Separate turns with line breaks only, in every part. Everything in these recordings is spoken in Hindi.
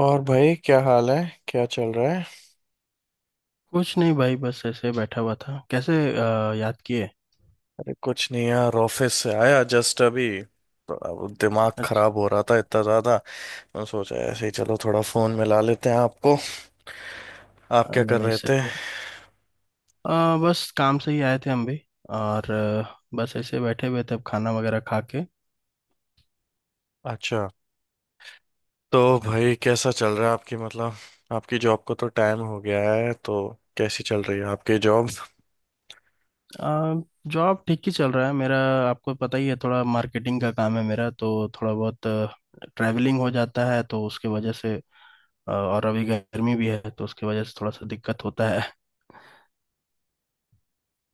और भाई क्या हाल है? क्या चल रहा है?
कुछ नहीं भाई, बस ऐसे बैठा हुआ था। कैसे याद किए?
अरे कुछ नहीं यार, ऑफिस से आया जस्ट अभी। तो अब दिमाग
अच्छा।
खराब हो रहा था इतना ज्यादा। मैं सोचा ऐसे ही चलो थोड़ा फोन मिला लेते हैं आपको। आप
हाँ,
क्या
नहीं
कर
नहीं,
रहे थे?
सही है। बस काम से ही आए थे हम भी। और बस ऐसे बैठे हुए थे, अब खाना वगैरह खा के।
अच्छा। तो भाई कैसा चल रहा है आपकी, मतलब आपकी जॉब को तो टाइम हो गया है, तो कैसी चल रही है आपकी जॉब?
अ, जॉब ठीक ही चल रहा है मेरा। आपको पता ही है, थोड़ा मार्केटिंग का काम है मेरा, तो थोड़ा बहुत ट्रैवलिंग हो जाता है तो उसके वजह से। और अभी गर्मी भी है तो उसके वजह से थोड़ा सा दिक्कत होता है।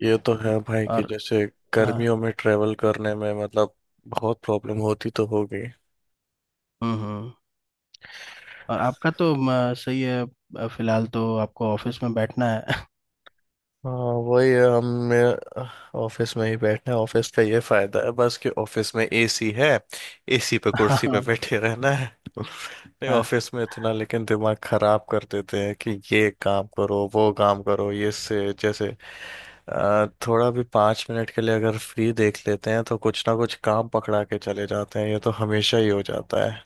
ये तो है भाई, कि
और
जैसे
हाँ।
गर्मियों में ट्रेवल करने में मतलब बहुत प्रॉब्लम होती तो होगी।
हम्म। हम्म। और आपका तो सही है। फिलहाल तो आपको ऑफिस में बैठना है।
हाँ, वही है, हम मेरे ऑफिस में ही बैठे हैं। ऑफिस का ये फायदा है बस कि ऑफिस में एसी है। एसी पे कुर्सी पे
हाँ।
बैठे रहना है। नहीं,
हाँ।
ऑफिस में इतना लेकिन दिमाग खराब कर देते हैं कि ये काम करो वो काम करो, ये से जैसे थोड़ा भी 5 मिनट के लिए अगर फ्री देख लेते हैं तो कुछ ना कुछ काम पकड़ा के चले जाते हैं, ये तो हमेशा ही हो जाता है।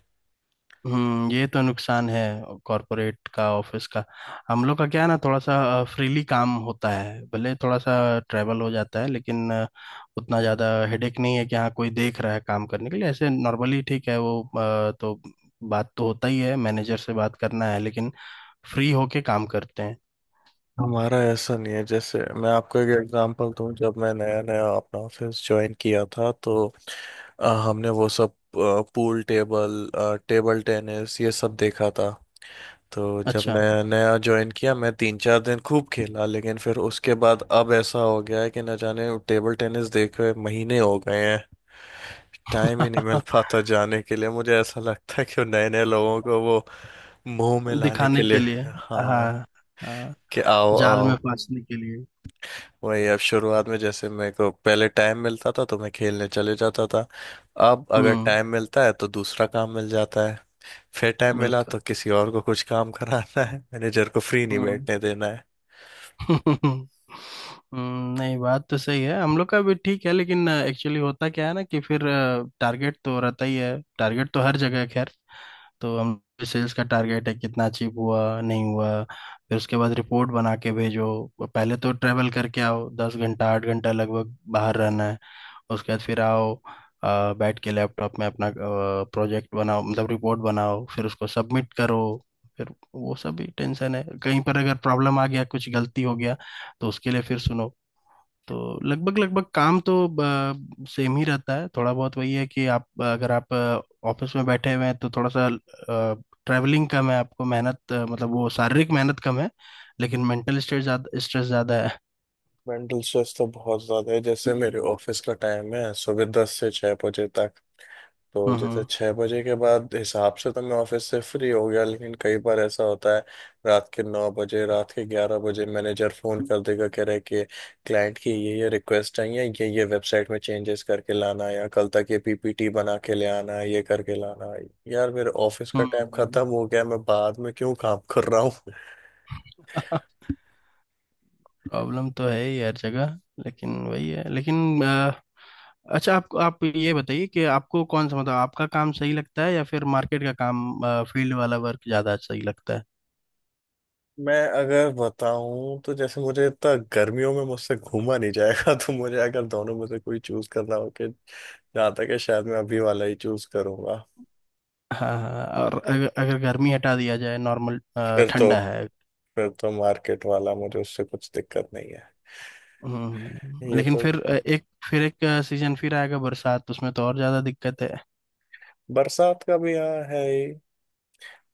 ये तो नुकसान है कॉरपोरेट का, ऑफिस का। हम लोग का क्या है ना, थोड़ा सा फ्रीली काम होता है। भले थोड़ा सा ट्रैवल हो जाता है लेकिन उतना ज़्यादा हेडेक नहीं है कि हाँ कोई देख रहा है काम करने के लिए। ऐसे नॉर्मली ठीक है वो। बात तो होता ही है, मैनेजर से बात करना है, लेकिन फ्री होके काम करते हैं।
हमारा ऐसा नहीं है। जैसे मैं आपको एक एग्जांपल दूं, जब मैं नया नया अपना ऑफिस ज्वाइन किया था तो हमने वो सब पूल टेबल, टेबल टेनिस ये सब देखा था। तो जब
अच्छा।
मैं नया ज्वाइन किया, मैं 3-4 दिन खूब खेला, लेकिन फिर उसके बाद अब ऐसा हो गया है कि न जाने टेबल टेनिस देखे महीने हो गए हैं। टाइम ही नहीं मिल पाता जाने के लिए। मुझे ऐसा लगता है कि नए नए लोगों को वो मुंह में लाने के
दिखाने
लिए,
के लिए।
हाँ,
हाँ। हाँ।
कि आओ
जाल में
आओ।
फांसने के लिए।
वही, अब शुरुआत में जैसे मेरे को पहले टाइम मिलता था तो मैं खेलने चले जाता था। अब अगर
हम्म।
टाइम मिलता है तो दूसरा काम मिल जाता है। फिर टाइम मिला तो
बिल्कुल।
किसी और को कुछ काम कराना है, मैनेजर को फ्री नहीं बैठने देना है।
हम्म, नहीं, बात तो सही है। हम लोग का भी ठीक है, लेकिन एक्चुअली होता क्या है ना, कि फिर टारगेट तो रहता ही है। टारगेट तो हर जगह है, खैर। तो हम सेल्स का टारगेट है, कितना अचीव हुआ नहीं हुआ। फिर उसके बाद रिपोर्ट बना के भेजो। पहले तो ट्रेवल करके आओ, 10 घंटा 8 घंटा लगभग बाहर रहना है। उसके बाद फिर आओ, बैठ के लैपटॉप में अपना प्रोजेक्ट बनाओ, मतलब रिपोर्ट बनाओ, फिर उसको सबमिट करो। फिर वो सब भी टेंशन है, कहीं पर अगर प्रॉब्लम आ गया, कुछ गलती हो गया तो उसके लिए फिर सुनो। तो लगभग लगभग काम तो सेम ही रहता है। थोड़ा बहुत वही है कि आप, अगर आप ऑफिस में बैठे हुए हैं तो थोड़ा सा ट्रैवलिंग कम है, आपको मेहनत मतलब वो शारीरिक मेहनत कम है, लेकिन मेंटल स्ट्रेस ज्यादा, स्ट्रेस ज्यादा है।
मेंटल स्ट्रेस तो बहुत ज्यादा है। जैसे मेरे ऑफिस का टाइम है सुबह 10 से 6 बजे तक। तो जैसे
हम्म।
6 बजे के बाद हिसाब से तो मैं ऑफिस से फ्री हो गया, लेकिन कई बार ऐसा होता है रात के 9 बजे, रात के 11 बजे मैनेजर फ़ोन कर देगा, कह रहे कि क्लाइंट की ये रिक्वेस्ट है, या ये वेबसाइट में चेंजेस करके लाना है, या कल तक ये पीपीटी बना के ले आना है, ये करके लाना है। यार, मेरे ऑफिस का
हम्म।
टाइम
हम्म।
खत्म हो गया, मैं बाद में क्यों काम कर रहा हूँ।
प्रॉब्लम तो है ही हर जगह, लेकिन वही है। लेकिन अच्छा, आपको आप ये बताइए कि आपको कौन सा, मतलब आपका काम सही लगता है या फिर मार्केट का काम, फील्ड वाला वर्क ज़्यादा सही लगता है।
मैं अगर बताऊं तो जैसे मुझे इतना गर्मियों में मुझसे घूमा नहीं जाएगा, तो मुझे अगर दोनों में से कोई चूज करना हो कि, जहाँ तक है शायद मैं अभी वाला ही चूज करूंगा।
हाँ हाँ। और अगर अगर गर्मी हटा दिया जाए, नॉर्मल
फिर तो
ठंडा है।
फिर तो मार्केट वाला, मुझे उससे कुछ दिक्कत नहीं है। ये
लेकिन
तो,
फिर एक सीजन फिर आएगा, बरसात, तो उसमें तो और ज़्यादा दिक्कत है।
बरसात का भी यहाँ है ही।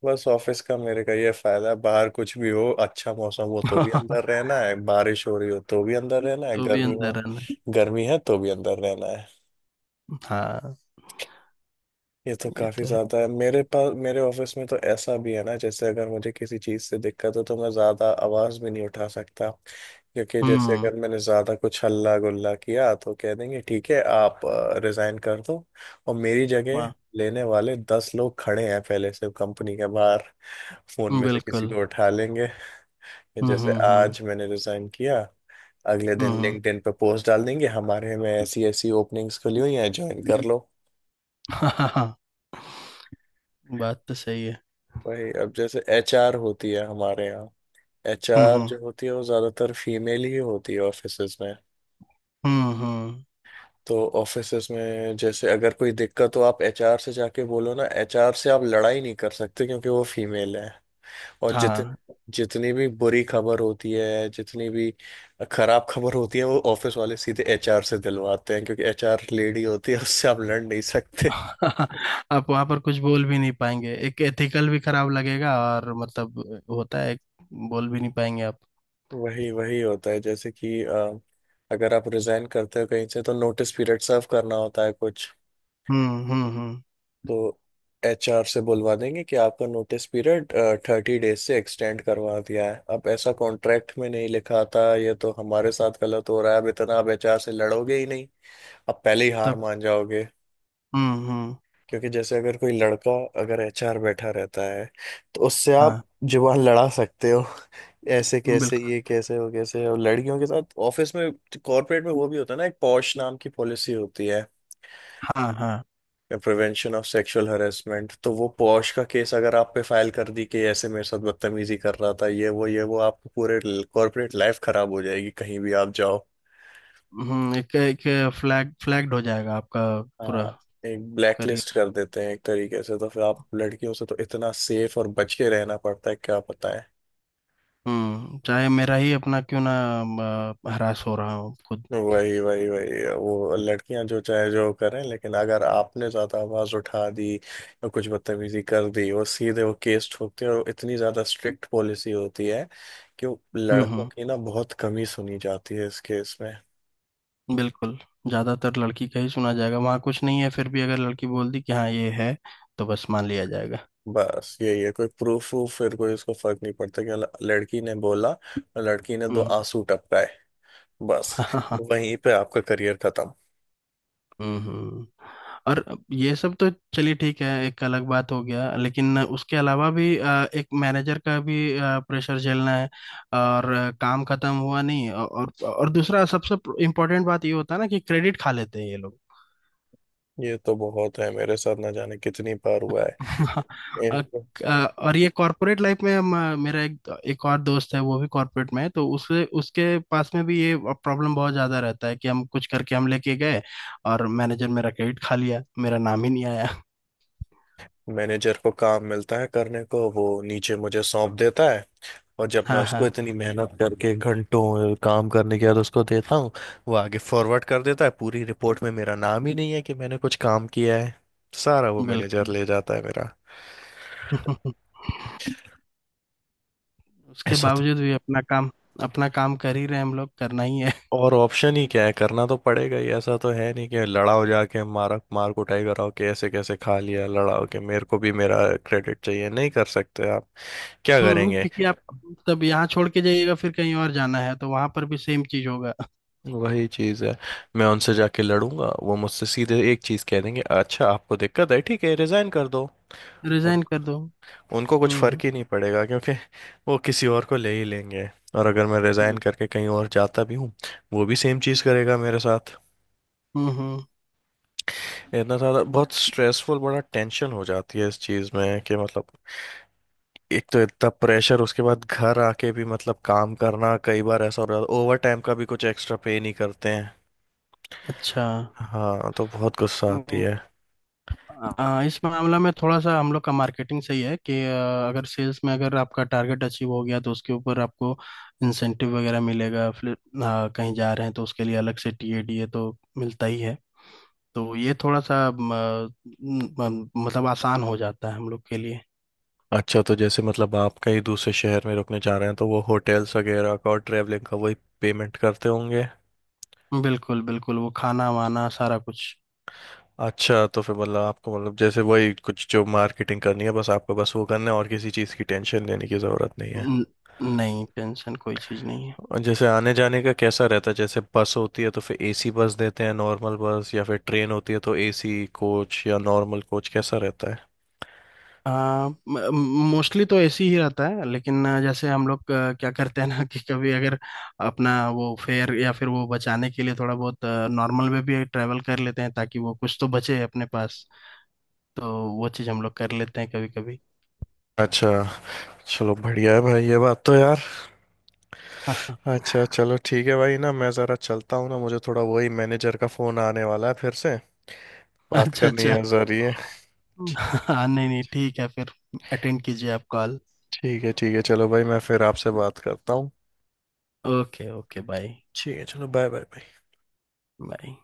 बस ऑफिस का मेरे का ये फायदा है, बाहर कुछ भी हो, अच्छा मौसम हो तो भी अंदर रहना है, बारिश हो रही हो तो भी अंदर रहना है,
तो भी
गर्मी
अंदर
हो,
रहना।
गर्मी है तो भी अंदर रहना है।
हाँ।
ये तो
ये
काफी
तो है।
ज्यादा है मेरे पास। मेरे ऑफिस में तो ऐसा भी है ना, जैसे अगर मुझे किसी चीज से दिक्कत हो तो मैं ज्यादा आवाज भी नहीं उठा सकता, क्योंकि जैसे
हम्म।
अगर मैंने ज्यादा कुछ हल्ला गुल्ला किया तो कह देंगे ठीक है आप रिजाइन कर दो। और मेरी जगह
वाह।
लेने वाले 10 लोग खड़े हैं पहले से कंपनी के बाहर, फोन में से किसी
बिल्कुल।
को उठा लेंगे।
हम्म।
जैसे
हम्म।
आज मैंने रिजाइन किया, अगले
हम्म।
दिन लिंक्डइन पे पोस्ट डाल देंगे हमारे में ऐसी ऐसी ओपनिंग्स खुली हुई हैं ज्वाइन कर लो।
हाँ हाँ हाँ। बात तो सही है।
भाई, अब जैसे एचआर होती है हमारे यहाँ, एचआर
हम्म।
जो होती है वो ज्यादातर फीमेल ही होती है ऑफिसेज में।
हम्म। हम्म।
तो ऑफिसेज में जैसे अगर कोई दिक्कत हो, आप एचआर से जाके बोलो ना, एचआर से आप लड़ाई नहीं कर सकते क्योंकि वो फीमेल है। और जितने
हाँ।
जितनी भी बुरी खबर होती है, जितनी भी खराब खबर होती है, वो ऑफिस वाले सीधे एचआर से दिलवाते हैं, क्योंकि एचआर लेडी होती है, उससे आप लड़ नहीं सकते।
आप वहां पर कुछ बोल भी नहीं पाएंगे, एक एथिकल भी खराब लगेगा और मतलब होता है, बोल भी नहीं पाएंगे आप।
वही वही होता है। जैसे कि अगर आप रिजाइन करते हो कहीं से तो नोटिस पीरियड सर्व करना होता है कुछ,
हम्म। हम्म। हम्म।
तो एचआर से बुलवा देंगे कि आपका नोटिस पीरियड 30 days से एक्सटेंड करवा दिया है। अब ऐसा कॉन्ट्रैक्ट में नहीं लिखा था, ये तो हमारे साथ गलत हो रहा है। अब इतना आप एचआर से लड़ोगे ही नहीं, अब पहले ही हार
तब।
मान जाओगे।
हम्म। हम्म।
क्योंकि जैसे अगर कोई लड़का, अगर एचआर बैठा रहता है तो उससे आप
हाँ।
जुबान लड़ा सकते हो। ऐसे कैसे,
बिल्कुल।
ये कैसे हो कैसे, और लड़कियों के साथ ऑफिस में कॉर्पोरेट में वो भी होता है ना, एक पॉश नाम की पॉलिसी होती है,
हाँ हाँ।
Prevention of sexual harassment. तो वो पॉश का केस अगर आप पे फाइल कर दी कि ऐसे मेरे साथ बदतमीजी कर रहा था ये वो ये वो, आपको पूरे कॉर्पोरेट लाइफ खराब हो जाएगी, कहीं भी आप जाओ।
हम्म। एक एक फ्लैग्ड हो जाएगा आपका पूरा
हाँ, एक ब्लैकलिस्ट
करियर।
कर देते हैं एक तरीके से। तो फिर आप लड़कियों से तो इतना सेफ और बच के रहना पड़ता है, क्या पता।
हम्म, चाहे मेरा ही अपना क्यों ना, हरास हो रहा हूँ खुद।
वही वही वही, वो लड़कियां जो चाहे जो करें, लेकिन अगर आपने ज्यादा आवाज उठा दी या कुछ बदतमीजी कर दी, वो सीधे वो केस ठोकते हैं, और इतनी ज्यादा स्ट्रिक्ट पॉलिसी होती है कि वो
हम्म।
लड़कों
हम्म।
की ना बहुत कमी सुनी जाती है इस केस में।
बिल्कुल। ज्यादातर लड़की का ही सुना जाएगा, वहां कुछ नहीं है। फिर भी अगर लड़की बोल दी कि हाँ ये है, तो बस मान लिया जाएगा।
बस यही है, कोई प्रूफ वूफ फिर कोई, उसको फर्क नहीं पड़ता कि लड़की ने बोला और लड़की ने दो
हम्म।
आंसू टपकाए, बस
हाँ।
वहीं पे आपका करियर खत्म।
हम्म। और ये सब तो चलिए ठीक है, एक अलग बात हो गया। लेकिन उसके अलावा भी एक मैनेजर का भी प्रेशर झेलना है। और काम खत्म हुआ नहीं। और दूसरा सबसे इम्पोर्टेंट बात ये होता है ना कि क्रेडिट खा लेते हैं ये लोग।
ये तो बहुत है, मेरे साथ ना जाने कितनी बार हुआ
हाँ।
है। इन
अ- और ये कॉर्पोरेट लाइफ में मेरा एक एक और दोस्त है, वो भी कॉर्पोरेट में है, तो उसके उसके पास में भी ये प्रॉब्लम बहुत ज़्यादा रहता है कि हम कुछ करके हम लेके गए, और मैनेजर मेरा क्रेडिट खा लिया, मेरा नाम ही नहीं आया।
मैनेजर को काम मिलता है करने को, वो नीचे मुझे सौंप देता है। और जब मैं
हाँ
उसको
हाँ।
इतनी मेहनत करके घंटों काम करने के बाद उसको देता हूँ, वो आगे फॉरवर्ड कर देता है, पूरी रिपोर्ट में मेरा नाम ही नहीं है कि मैंने कुछ काम किया है। सारा वो मैनेजर
बिल्कुल।
ले जाता है मेरा।
उसके
ऐसा तो
बावजूद भी अपना काम, अपना काम कर ही रहे हैं, हम लोग, करना ही है।
और ऑप्शन ही क्या है? करना तो पड़ेगा ही। ऐसा तो है नहीं कि लड़ाओ, जाके मारा मार कुटाई कराओ कि ऐसे कैसे खा लिया, लड़ाओ के मेरे को भी मेरा क्रेडिट चाहिए। नहीं कर सकते आप। क्या करेंगे?
क्योंकि आप तब यहाँ छोड़ के जाइएगा, फिर कहीं और जाना है तो वहां पर भी सेम चीज होगा।
वही चीज़ है। मैं उनसे जाके लड़ूंगा, वो मुझसे सीधे एक चीज़ कह देंगे अच्छा आपको दिक्कत है, ठीक है रिजाइन कर दो। उन,
रिजाइन कर दो।
उनको कुछ
हम्म।
फर्क ही नहीं पड़ेगा क्योंकि वो किसी और को ले ही लेंगे। और अगर मैं रिजाइन
बिल-
करके कहीं और जाता भी हूँ, वो भी सेम चीज़ करेगा मेरे साथ।
हम्म। हम्म।
इतना सारा बहुत स्ट्रेसफुल, बड़ा टेंशन हो जाती है इस चीज़ में कि मतलब एक तो इतना प्रेशर, उसके बाद घर आके भी मतलब काम करना, कई बार ऐसा हो रहा है। ओवर टाइम का भी कुछ एक्स्ट्रा पे नहीं करते हैं।
अच्छा।
हाँ, तो बहुत गुस्सा आती
नहीं,
है।
इस मामला में थोड़ा सा हम लोग का मार्केटिंग सही है कि अगर सेल्स में, अगर आपका टारगेट अचीव हो गया तो उसके ऊपर आपको इंसेंटिव वगैरह मिलेगा। फिर कहीं जा रहे हैं तो उसके लिए अलग से टीएडीए तो मिलता ही है। तो ये थोड़ा सा म, म, मतलब आसान हो जाता है हम लोग के लिए।
अच्छा, तो जैसे मतलब आप कहीं दूसरे शहर में रुकने जा रहे हैं तो वो होटल्स वगैरह का और ट्रैवलिंग का वही पेमेंट करते होंगे?
बिल्कुल बिल्कुल, वो खाना वाना सारा कुछ।
अच्छा, तो फिर मतलब आपको, मतलब जैसे वही कुछ जो मार्केटिंग करनी है बस आपको, बस वो करना है और किसी चीज़ की टेंशन लेने की ज़रूरत नहीं है?
न- नहीं, टेंशन कोई चीज़ नहीं है।
और जैसे आने जाने का कैसा रहता है, जैसे बस होती है तो फिर एसी बस देते हैं नॉर्मल बस, या फिर ट्रेन होती है तो एसी कोच या नॉर्मल कोच, कैसा रहता है?
मोस्टली तो ऐसे ही रहता है, लेकिन जैसे हम लोग क्या करते हैं ना कि कभी अगर अपना वो फेयर या फिर वो बचाने के लिए थोड़ा बहुत नॉर्मल में भी ट्रैवल कर लेते हैं, ताकि वो कुछ तो बचे अपने पास। तो वो चीज़ हम लोग कर लेते हैं कभी कभी।
अच्छा, चलो बढ़िया है भाई, ये बात तो यार। अच्छा चलो ठीक है भाई, ना मैं ज़रा चलता हूँ, ना मुझे थोड़ा वही मैनेजर का फ़ोन आने वाला है फिर से, बात
अच्छा।
करनी
अच्छा।
है ज़रिए।
हम्म। हाँ, नहीं नहीं, ठीक है फिर, अटेंड कीजिए आप कॉल।
ठीक है, ठीक है चलो भाई, मैं फिर आपसे बात करता हूँ।
ओके, ओके, बाय
ठीक है, चलो बाय बाय।
बाय।